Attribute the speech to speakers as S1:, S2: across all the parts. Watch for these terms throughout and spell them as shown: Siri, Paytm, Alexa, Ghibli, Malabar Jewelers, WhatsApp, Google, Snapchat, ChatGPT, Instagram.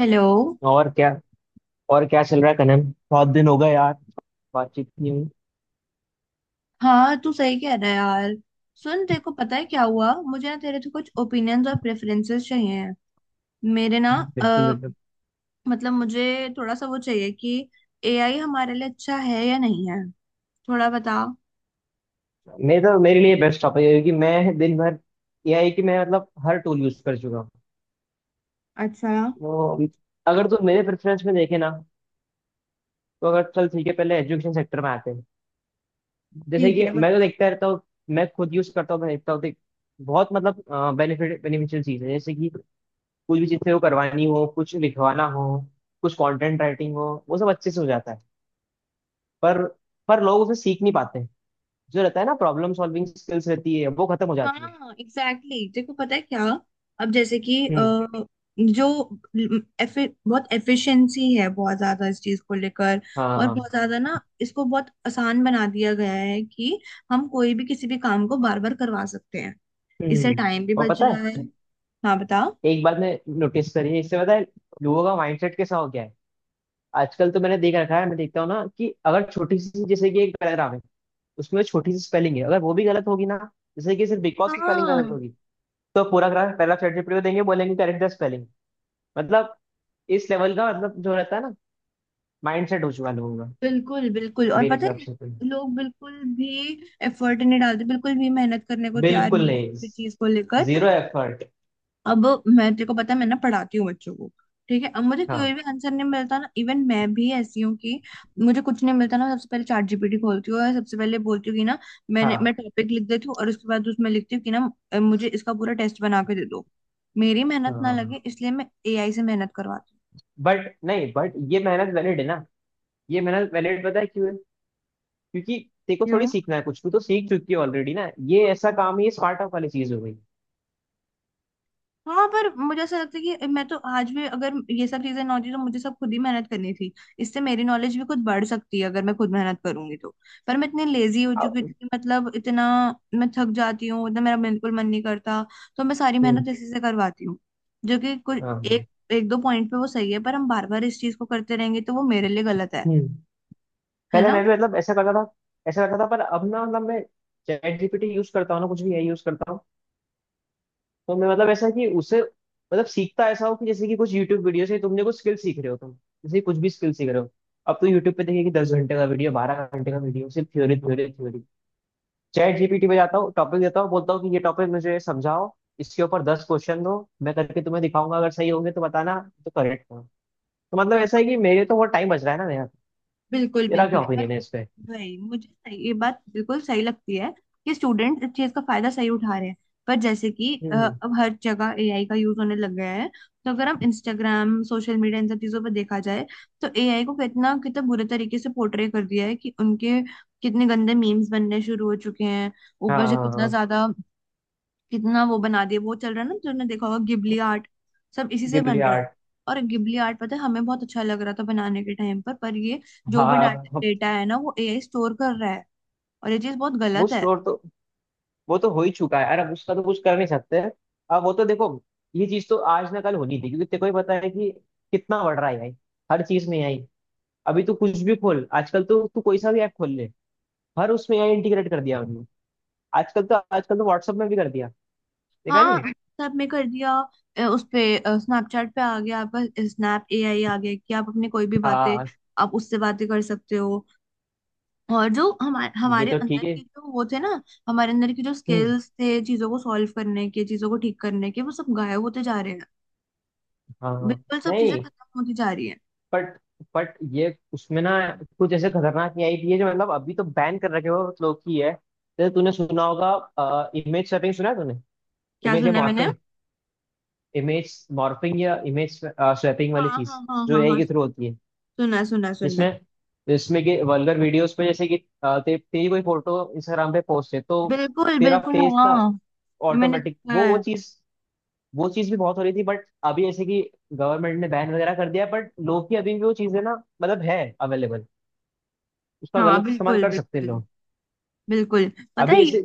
S1: Hello.
S2: और क्या और क्या चल रहा है कनन। बहुत दिन हो गए यार, बातचीत नहीं हुई।
S1: हाँ तू सही कह रहा है यार। सुन, तेरे को पता है क्या हुआ मुझे? ना तेरे से कुछ ओपिनियंस और प्रेफरेंसेस चाहिए हैं मेरे ना।
S2: बिल्कुल,
S1: अ,
S2: बिल्कुल।
S1: मतलब मुझे थोड़ा सा वो चाहिए कि एआई हमारे लिए अच्छा है या नहीं है, थोड़ा बता।
S2: मैं तो मेरे लिए बेस्ट टॉपिक है क्योंकि मैं दिन भर, यह है कि मैं मतलब हर टूल यूज कर चुका हूँ।
S1: अच्छा।
S2: वो, अगर तुम मेरे प्रेफरेंस में देखे ना, तो अगर चल ठीक है पहले एजुकेशन सेक्टर में आते हैं। जैसे
S1: ठीक
S2: कि
S1: है।
S2: मैं तो देखता रहता हूँ। मैं खुद यूज करता हूँ, मैं देखता हूँ देख, बहुत मतलब बेनिफिट बेनिफिशियल चीज है जैसे कि कुछ भी चीज से वो करवानी हो, कुछ लिखवाना हो, कुछ कंटेंट राइटिंग हो, वो सब अच्छे से हो जाता है। पर पर लोग उसे सीख नहीं पाते। जो रहता है ना, प्रॉब्लम सॉल्विंग स्किल्स रहती है वो खत्म हो
S1: हाँ
S2: जाती है।
S1: Exactly exactly। देखो पता है क्या, अब जैसे कि
S2: हम्म।
S1: जो बहुत एफिशिएंसी है बहुत ज्यादा इस चीज को लेकर। और
S2: हाँ।
S1: बहुत ज्यादा ना इसको बहुत आसान बना दिया गया है कि हम कोई भी किसी भी काम को बार बार करवा सकते हैं। इससे
S2: हम्म।
S1: टाइम भी
S2: और
S1: बच
S2: पता
S1: रहा है।
S2: है,
S1: हाँ बताओ।
S2: एक बात मैं नोटिस करी है, इससे पता है लोगों का माइंडसेट कैसा हो गया है। आजकल तो मैंने देख रखा है, मैं देखता हूँ ना कि अगर छोटी सी, जैसे कि एक पैराग्राफ है, उसमें छोटी सी स्पेलिंग है अगर वो भी गलत होगी ना, जैसे कि सिर्फ बिकॉज की स्पेलिंग गलत
S1: हाँ।
S2: होगी, तो पूरा पैराग्राफ चैट जीपीटी को देंगे, बोलेंगे करेक्ट द स्पेलिंग। मतलब इस लेवल का, मतलब जो रहता है ना, माइंडसेट हो चुका है लोगों का।
S1: बिल्कुल बिल्कुल। और
S2: मेरे
S1: पता
S2: हिसाब
S1: है
S2: से तो।
S1: लोग बिल्कुल भी एफर्ट नहीं डालते, बिल्कुल भी मेहनत करने को तैयार
S2: बिल्कुल
S1: नहीं है
S2: नहीं,
S1: किसी भी चीज को लेकर।
S2: Zero effort.
S1: अब मैं, तेरे को पता है, मैं ना पढ़ाती हूँ बच्चों को, ठीक है। अब मुझे कोई
S2: हाँ,
S1: भी आंसर नहीं मिलता ना, इवन मैं भी ऐसी हूँ कि मुझे कुछ नहीं मिलता ना सबसे पहले चैट जीपीटी खोलती हूँ और सबसे पहले बोलती हूँ कि ना मैं
S2: हाँ।
S1: टॉपिक लिख देती हूँ और उसके बाद उसमें लिखती हूँ कि ना मुझे इसका पूरा टेस्ट बना के दे दो। मेरी मेहनत ना
S2: बट
S1: लगे इसलिए मैं एआई से मेहनत करवाती हूँ।
S2: नहीं, बट ये मेहनत वैलिड है ना, ये मेहनत वैलिड पता है क्यों है? क्योंकि तेरे को थोड़ी
S1: क्यों?
S2: सीखना है कुछ, तू तो सीख चुकी है ऑलरेडी ना, ये ऐसा काम है, ये स्टार्ट अप वाली चीज हो गई।
S1: हाँ पर मुझे ऐसा लगता है कि मैं तो आज भी अगर ये सब चीजें ना होती तो मुझे सब खुद ही मेहनत करनी थी। इससे मेरी नॉलेज भी खुद बढ़ सकती है अगर मैं खुद मेहनत करूंगी तो। पर मैं इतनी लेजी हो चुकी हूँ,
S2: अब-।
S1: मतलब इतना मैं थक जाती हूँ, इतना मेरा बिल्कुल मन नहीं करता तो मैं सारी
S2: हम्म।
S1: मेहनत इसी से करवाती हूँ जो कि कुछ
S2: हाँ।
S1: एक एक दो पॉइंट पे वो सही है, पर हम बार बार इस चीज को करते रहेंगे तो वो मेरे लिए गलत है
S2: हम्म।
S1: है
S2: पहले
S1: ना।
S2: मैं भी मतलब ऐसा करता था, ऐसा करता था, पर अब ना मतलब मैं चैट जीपीटी यूज करता हूँ ना, कुछ भी है यूज करता हूँ। तो मैं मतलब ऐसा कि उसे मतलब सीखता ऐसा हो कि जैसे कि कुछ यूट्यूब वीडियो से तुमने कुछ स्किल सीख रहे हो तुम, जैसे कुछ भी स्किल सीख रहे हो। अब तो यूट्यूब पे देखिए कि 10 घंटे का वीडियो, 12 घंटे का वीडियो, सिर्फ theory, theory, theory. ChatGPT पे जाता हूँ, टॉपिक देता हूँ, बोलता हूँ कि ये टॉपिक मुझे समझाओ, इसके ऊपर 10 क्वेश्चन दो, मैं करके तुम्हें दिखाऊंगा अगर सही होंगे तो बताना, तो करेक्ट हो। तो मतलब ऐसा है कि मेरे तो बहुत टाइम बच रहा है ना मेरा।
S1: बिल्कुल
S2: तेरा क्या
S1: बिल्कुल।
S2: ओपिनियन है इस पे?
S1: वही, मुझे सही ये बात बिल्कुल सही लगती है कि स्टूडेंट इस चीज का फायदा सही उठा रहे हैं। पर जैसे कि
S2: हम्म।
S1: अब हर जगह एआई का यूज होने लग गया है तो अगर हम इंस्टाग्राम, सोशल मीडिया, इन सब चीजों पर देखा जाए तो एआई को कितना कितना बुरे तरीके से पोर्ट्रे कर दिया है कि उनके कितने गंदे मीम्स बनने शुरू हो चुके हैं,
S2: हाँ,
S1: ऊपर से
S2: हाँ,
S1: कितना
S2: हाँ।
S1: ज्यादा कितना वो बना दिया। वो चल रहा है ना, तुमने देखा होगा गिबली आर्ट, सब इसी से बन
S2: गिबली
S1: रहा है।
S2: आर्ट।
S1: और गिबली आर्ट, पता है हमें बहुत अच्छा लग रहा था बनाने के टाइम पर ये जो भी
S2: हाँ।
S1: डाटा
S2: अब
S1: डेटा है ना वो एआई स्टोर कर रहा है, और ये चीज बहुत
S2: वो
S1: गलत है।
S2: स्टोर तो, वो तो हो ही चुका है, अरे अब उसका तो कुछ कर नहीं सकते। अब वो तो देखो, ये चीज तो आज ना कल होनी थी क्योंकि तेको ही पता है कि कितना बढ़ रहा है भाई। हर चीज में आई। अभी तो कुछ भी खोल, आजकल तो तू कोई सा भी ऐप खोल ले, हर उसमें एआई इंटीग्रेट कर दिया। आजकल तो व्हाट्सएप में भी कर दिया, देखा
S1: हाँ
S2: नहीं?
S1: व्हाट्सएप में कर दिया। उस पे स्नैपचैट पे आ गया आपका स्नैप एआई आ गया कि आप अपनी कोई भी बातें
S2: हाँ।
S1: आप उससे बातें कर सकते हो। और जो हमारे
S2: ये
S1: हमारे
S2: तो
S1: अंदर
S2: ठीक है।
S1: के जो वो थे ना, हमारे अंदर की जो
S2: हम्म।
S1: स्किल्स थे चीजों को सॉल्व करने के, चीजों को ठीक करने के, वो सब गायब होते जा रहे हैं।
S2: हाँ, हाँ।
S1: बिल्कुल सब चीजें
S2: नहीं,
S1: खत्म होती जा रही है।
S2: बट बट ये उसमें ना कुछ ऐसे खतरनाक नहीं आई थी, ये जो मतलब अभी तो बैन कर रखे हो लोग की है, जैसे तूने सुना होगा इमेज स्वैपिंग, सुना है तूने?
S1: क्या
S2: इमेज या
S1: सुना है मैंने?
S2: मॉर्फिंग, इमेज मॉर्फिंग या इमेज स्वैपिंग वाली
S1: हाँ हाँ
S2: चीज,
S1: हाँ
S2: जो
S1: हाँ
S2: एआई
S1: हाँ
S2: के थ्रू
S1: सुना।
S2: होती है,
S1: सुना है, सुना है, सुना
S2: जिसमें
S1: है।
S2: जिसमें कि वल्गर वीडियोस पे जैसे कि तेरी कोई फोटो इंस्टाग्राम पे पोस्ट है तो
S1: बिल्कुल
S2: तेरा
S1: बिल्कुल
S2: फेस ना
S1: हाँ। ये मैंने
S2: ऑटोमेटिक
S1: देखा
S2: वो
S1: है।
S2: चीज, वो चीज भी बहुत हो रही थी, बट अभी ऐसे कि गवर्नमेंट ने बैन वगैरह कर दिया, बट लोग की अभी भी वो चीजें ना, मतलब है अवेलेबल, उसका
S1: हाँ
S2: गलत इस्तेमाल
S1: बिल्कुल
S2: कर सकते हैं
S1: बिल्कुल।
S2: लोग।
S1: बिल्कुल। पता है
S2: अभी ऐसे।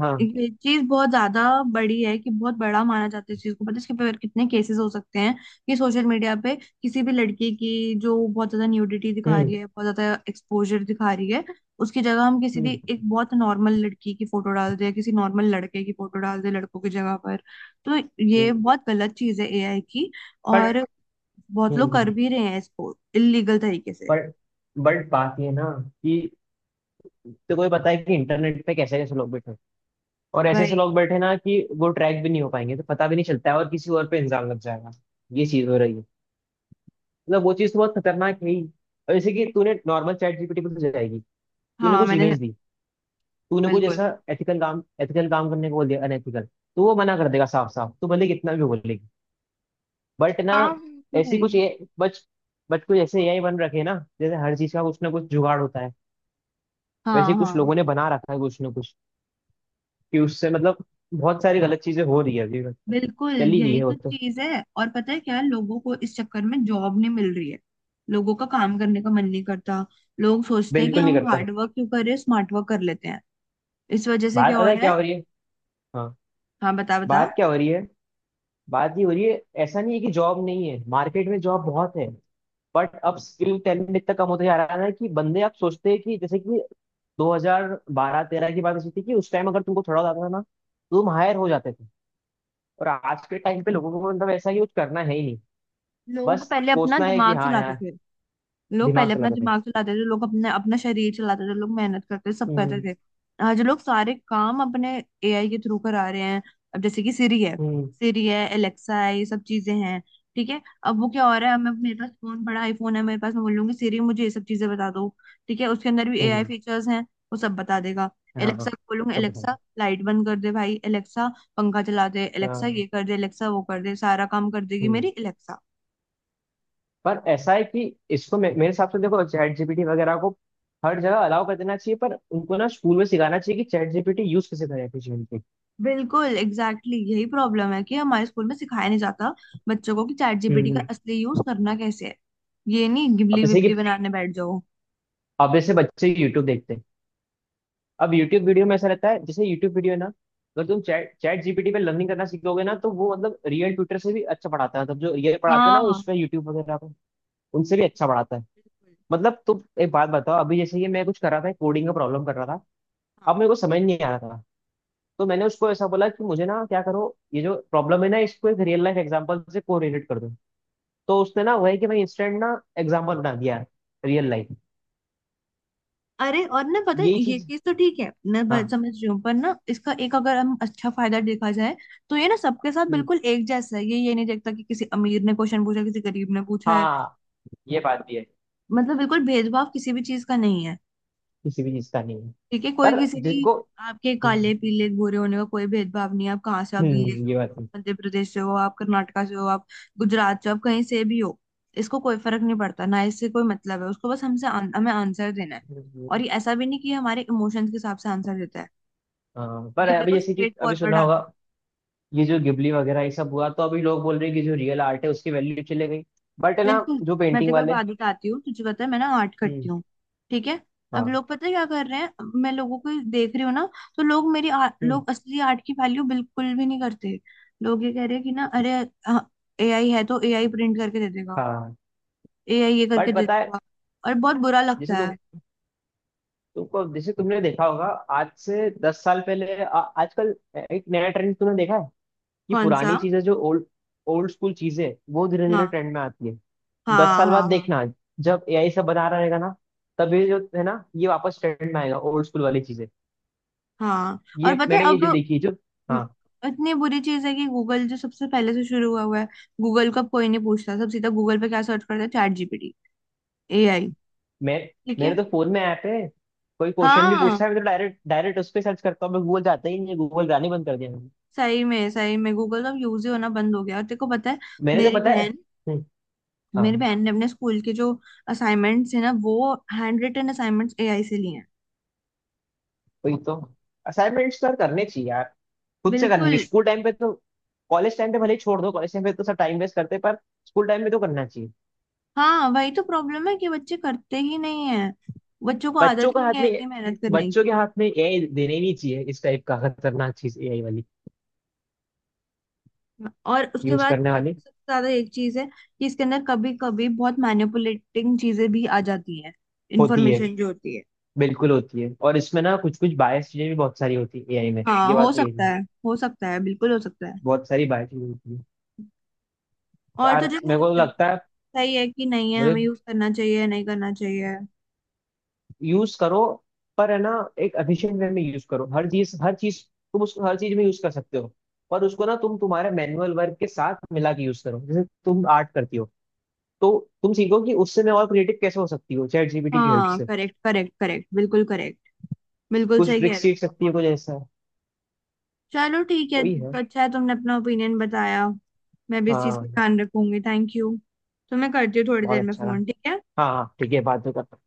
S2: हाँ।
S1: ये चीज बहुत ज्यादा बड़ी है कि बहुत बड़ा माना जाता है इस चीज को। पता है इसके पर कितने केसेस हो सकते हैं कि सोशल मीडिया पे किसी भी लड़की की जो बहुत ज्यादा न्यूडिटी दिखा
S2: हम्म।
S1: रही है, बहुत ज्यादा एक्सपोजर दिखा रही है, उसकी जगह हम किसी भी
S2: हम्म।
S1: एक बहुत नॉर्मल लड़की की फोटो डाल दें, किसी नॉर्मल लड़के की फोटो डाल दें लड़कों की जगह पर, तो ये
S2: हम्म।
S1: बहुत गलत चीज है एआई की।
S2: बट।
S1: और बहुत लोग
S2: हम्म।
S1: कर भी रहे हैं इसको इलीगल तरीके से।
S2: बट बट बात ये है ना कि, तो कोई पता है कि इंटरनेट पे कैसे कैसे लोग बैठे हैं। और ऐसे ऐसे
S1: वही।
S2: लोग बैठे हैं ना कि वो ट्रैक भी नहीं हो पाएंगे, तो पता भी नहीं चलता है और किसी और पे इल्जाम लग जाएगा, ये चीज हो रही है। मतलब वो चीज तो बहुत खतरनाक है ही। और जैसे कि तूने नॉर्मल चैट जीपीटी पे तो जाएगी, तूने
S1: हाँ
S2: कुछ
S1: मैंने।
S2: इमेज दी, तूने कुछ
S1: बिल्कुल।
S2: ऐसा एथिकल काम, एथिकल काम करने को बोल दिया, अनएथिकल, तो वो मना कर देगा साफ साफ, तू भले कितना भी बोलेगी बट ना।
S1: हाँ वो तो है
S2: ऐसी
S1: ही।
S2: कुछ ये बच, बट कुछ ऐसे एआई बन रखे हैं ना, जैसे हर चीज का कुछ ना कुछ जुगाड़ होता है, वैसे
S1: हाँ
S2: ही कुछ
S1: हाँ।
S2: लोगों ने बना रखा है कुछ ना कुछ, कि उससे मतलब बहुत सारी गलत चीजें हो रही है अभी, मतलब
S1: बिल्कुल
S2: चल ही रही
S1: यही
S2: है वो
S1: तो
S2: तो।
S1: चीज है। और पता है क्या, लोगों को इस चक्कर में जॉब नहीं मिल रही है, लोगों का काम करने का मन नहीं करता, लोग सोचते हैं कि
S2: बिल्कुल नहीं
S1: हम
S2: करता।
S1: हार्ड वर्क क्यों कर रहे हैं स्मार्ट वर्क कर लेते हैं। इस वजह से
S2: बात
S1: क्या हो
S2: पता है
S1: रहा
S2: क्या
S1: है।
S2: हो रही है? हाँ।
S1: हाँ बता बता।
S2: बात क्या हो रही है? बात ये हो रही है, ऐसा नहीं है कि जॉब नहीं है, मार्केट में जॉब बहुत है। बट अब स्किल टैलेंट इतना कम होता जा रहा है ना, कि बंदे आप सोचते हैं कि जैसे कि 2012-13 की बात ऐसी थी कि उस टाइम अगर तुमको थोड़ा आता था ना, तो तुम हायर हो जाते थे। और आज के टाइम पे लोगों को मतलब ऐसा यूज करना है ही नहीं, बस
S1: लोग पहले अपना
S2: सोचना है कि
S1: दिमाग
S2: हाँ
S1: चला
S2: यार,
S1: के, लोग
S2: दिमाग
S1: पहले अपना
S2: चलाते थे।
S1: दिमाग चलाते थे, लोग अपने अपना शरीर चलाते थे, लोग मेहनत करते थे, सब करते
S2: हम्म।
S1: थे। आज लोग सारे काम अपने एआई के थ्रू करा रहे हैं। अब जैसे कि सिरी है,
S2: हम्म।
S1: सिरी है, एलेक्सा है, ये सब चीजें हैं ठीक है। अब वो क्या हो रहा है, मैं मेरे पास फोन बड़ा आईफोन है मेरे पास, मैं बोल लूंगी सिरी मुझे ये सब चीजें बता दो, ठीक है। उसके अंदर भी एआई
S2: हम्म।
S1: फीचर्स हैं, वो सब बता देगा।
S2: हाँ, हाँ।
S1: एलेक्सा को बोलूंगी
S2: सब बताते।
S1: एलेक्सा लाइट बंद कर दे भाई, एलेक्सा पंखा चला दे, एलेक्सा
S2: हाँ।
S1: ये कर दे, एलेक्सा वो कर दे, सारा काम कर देगी मेरी
S2: हम्म।
S1: एलेक्सा।
S2: पर ऐसा है कि इसको मेरे हिसाब से देखो, चैट जीपीटी वगैरह को हर जगह अलाउ कर देना चाहिए, पर उनको ना स्कूल में सिखाना चाहिए कि चैट जीपीटी यूज कैसे करें अपने जीवन पे।
S1: बिल्कुल एग्जैक्टली exactly, यही प्रॉब्लम है कि हमारे स्कूल में सिखाया नहीं जाता बच्चों को कि चैट जीपीटी का
S2: हम्म।
S1: असली यूज करना कैसे है। ये नहीं
S2: अब
S1: गिबली
S2: जैसे कि,
S1: विबली बनाने बैठ जाओ।
S2: अब जैसे बच्चे यूट्यूब देखते हैं। अब यूट्यूब वीडियो में ऐसा रहता है, जैसे यूट्यूब वीडियो है ना, अगर तुम चैट चैट जीपीटी पे लर्निंग करना सीखोगे ना, तो वो मतलब रियल ट्यूटर से भी अच्छा पढ़ाता है, मतलब जो रियल पढ़ाते हैं ना
S1: हाँ
S2: उस पे यूट्यूब वगैरह पे, उनसे भी अच्छा पढ़ाता है।
S1: बिल्कुल,
S2: मतलब तुम एक बात बताओ, अभी जैसे ये मैं कुछ कर रहा था, कोडिंग का प्रॉब्लम कर रहा था,
S1: हाँ।
S2: अब मेरे को समझ नहीं आ रहा था, तो मैंने उसको ऐसा बोला कि मुझे ना क्या करो, ये जो प्रॉब्लम है ना, इसको एक रियल लाइफ एग्जांपल से कोरिलेट कर दो। तो उसने ना वही कि भाई इंस्टेंट ना एग्जांपल बना दिया, रियल लाइफ।
S1: अरे और ना पता है
S2: यही
S1: ये
S2: चीज।
S1: चीज तो ठीक है, मैं
S2: हाँ।
S1: समझ रही हूँ, पर ना इसका एक अगर हम अच्छा फायदा देखा जाए तो ये ना सबके साथ
S2: हम्म,
S1: बिल्कुल एक जैसा है, ये नहीं देखता कि किसी अमीर ने क्वेश्चन पूछा किसी गरीब ने पूछा है।
S2: हाँ। ये बात भी है।
S1: मतलब बिल्कुल भेदभाव किसी भी चीज का नहीं है,
S2: किसी भी चीज का नहीं है।
S1: ठीक है। कोई
S2: पर
S1: किसी भी
S2: जिसको।
S1: आपके काले
S2: हम्म,
S1: पीले गोरे होने का कोई भेदभाव नहीं है। आप कहाँ से हो, आप दिल्ली से हो,
S2: ये बात है।
S1: आप मध्य प्रदेश से हो, आप कर्नाटका से हो, आप गुजरात से हो, आप कहीं से भी हो, इसको कोई फर्क नहीं पड़ता। ना इससे कोई मतलब है उसको, बस हमसे हमें आंसर देना है। और ये ऐसा भी नहीं कि ये हमारे इमोशंस के हिसाब से आंसर देता है,
S2: हाँ, पर
S1: ये
S2: अभी
S1: बिल्कुल
S2: जैसे कि
S1: स्ट्रेट
S2: अभी
S1: फॉरवर्ड
S2: सुना होगा,
S1: आंसर।
S2: ये जो गिबली वगैरह ये सब हुआ, तो अभी लोग बोल रहे हैं कि जो रियल आर्ट है उसकी वैल्यू चले गई। बट है ना,
S1: बिल्कुल।
S2: जो
S1: मैं
S2: पेंटिंग
S1: तेरे को एक
S2: वाले।
S1: बात बताती हूँ, तुझे पता है मैं ना आर्ट करती
S2: हम्म।
S1: हूँ, ठीक है। अब
S2: हाँ।
S1: लोग पता है क्या कर रहे हैं, मैं लोगों को देख रही हूँ ना, तो लोग
S2: हम्म।
S1: लोग असली आर्ट की वैल्यू बिल्कुल भी नहीं करते। लोग ये कह रहे हैं कि ना अरे एआई है तो एआई प्रिंट करके दे देगा,
S2: हाँ।
S1: एआई ये करके
S2: बट
S1: दे
S2: पता है,
S1: देगा, और बहुत बुरा
S2: जैसे
S1: लगता
S2: तुम
S1: है।
S2: जैसे तुमने देखा होगा आज से 10 साल पहले, आजकल एक नया ट्रेंड तुमने देखा है, ये
S1: कौन सा?
S2: पुरानी चीजें जो ओल्ड ओल्ड स्कूल चीजें हैं, वो धीरे धीरे
S1: हाँ
S2: ट्रेंड में आती है। दस
S1: हाँ
S2: साल बाद
S1: हाँ हाँ
S2: देखना, जब एआई सब बना रहेगा ना, तब ये जो है ना, ये वापस ट्रेंड में आएगा ओल्ड स्कूल वाली चीजें।
S1: हाँ। और
S2: ये
S1: पता है
S2: मैंने ये जो
S1: अब
S2: देखी है जो। हाँ।
S1: इतनी बुरी चीज है कि गूगल जो सबसे पहले से शुरू हुआ हुआ है, गूगल को अब कोई नहीं पूछता, सब सीधा गूगल पे क्या सर्च करते हैं, चैट जीपीटी, एआई,
S2: मैं
S1: ठीक
S2: मेरे
S1: है।
S2: तो फोन में ऐप है, कोई क्वेश्चन भी
S1: हाँ,
S2: पूछता है, मैं तो डायरेक्ट डायरेक्ट उस पर सर्च करता हूँ, मैं गूगल जाता ही नहीं है, गूगल जाने बंद कर दिया मैंने।
S1: सही में गूगल तो अब यूज ही होना बंद हो गया। और तेरे को पता है
S2: मैंने तो
S1: मेरी
S2: पता है।
S1: बहन,
S2: हम्म, हाँ।
S1: ने अपने स्कूल के जो असाइनमेंट्स है ना वो हैंड रिटन असाइनमेंट्स एआई से लिए हैं।
S2: वही तो, असाइनमेंट्स तो करने चाहिए यार, खुद से करनी
S1: बिल्कुल।
S2: चाहिए स्कूल टाइम पे तो। कॉलेज टाइम पे भले ही छोड़ दो, कॉलेज टाइम पे तो सब टाइम वेस्ट करते हैं, पर स्कूल टाइम में तो करना चाहिए।
S1: हाँ वही तो प्रॉब्लम है कि बच्चे करते ही नहीं है, बच्चों को
S2: बच्चों
S1: आदत
S2: का
S1: ही नहीं
S2: हाथ
S1: है
S2: में
S1: इतनी मेहनत करने
S2: बच्चों के
S1: की।
S2: हाथ में एआई देने ही नहीं चाहिए, इस टाइप का खतरनाक चीज एआई वाली
S1: और उसके
S2: यूज
S1: बाद
S2: करने वाली।
S1: सबसे ज्यादा एक चीज है कि इसके अंदर कभी कभी बहुत मैनिपुलेटिंग चीजें भी आ जाती हैं,
S2: होती है,
S1: इंफॉर्मेशन जो होती है।
S2: बिल्कुल होती है। और इसमें ना कुछ कुछ बायस चीजें भी बहुत सारी होती है एआई में,
S1: हाँ
S2: ये
S1: हो
S2: बात भी
S1: सकता
S2: देखना,
S1: है, हो सकता है, बिल्कुल हो सकता है।
S2: बहुत सारी बायस चीजें होती है
S1: और
S2: यार,
S1: तुझे क्या
S2: मेरे को तो
S1: लगता है,
S2: लगता है।
S1: सही है कि नहीं है,
S2: मुझे।
S1: हमें यूज करना चाहिए या नहीं करना चाहिए?
S2: यूज करो, पर है ना, एक एफिशिएंट वे में यूज करो, हर चीज हर चीज, तुम उसको हर चीज में यूज कर सकते हो, पर उसको ना तुम तुम्हारे मैनुअल वर्क के साथ मिला के यूज करो, जैसे तुम आर्ट करती हो, तो तुम सीखो कि उससे मैं और क्रिएटिव कैसे हो सकती हो चैट जीपीटी की हेल्प
S1: हाँ
S2: से,
S1: करेक्ट करेक्ट करेक्ट बिल्कुल करेक्ट। बिल्कुल
S2: कुछ
S1: सही कह
S2: ट्रिक्स सीख
S1: रहे हो।
S2: सकती है कुछ ऐसा।
S1: चलो ठीक है,
S2: वही है।
S1: अच्छा है तुमने अपना ओपिनियन बताया, मैं भी इस चीज का
S2: हाँ।
S1: ध्यान रखूंगी। Thank you. तो मैं करती हूँ थोड़ी
S2: बहुत
S1: देर में
S2: अच्छा रहा।
S1: फोन, ठीक है।
S2: हाँ, हाँ ठीक है, बात तो कर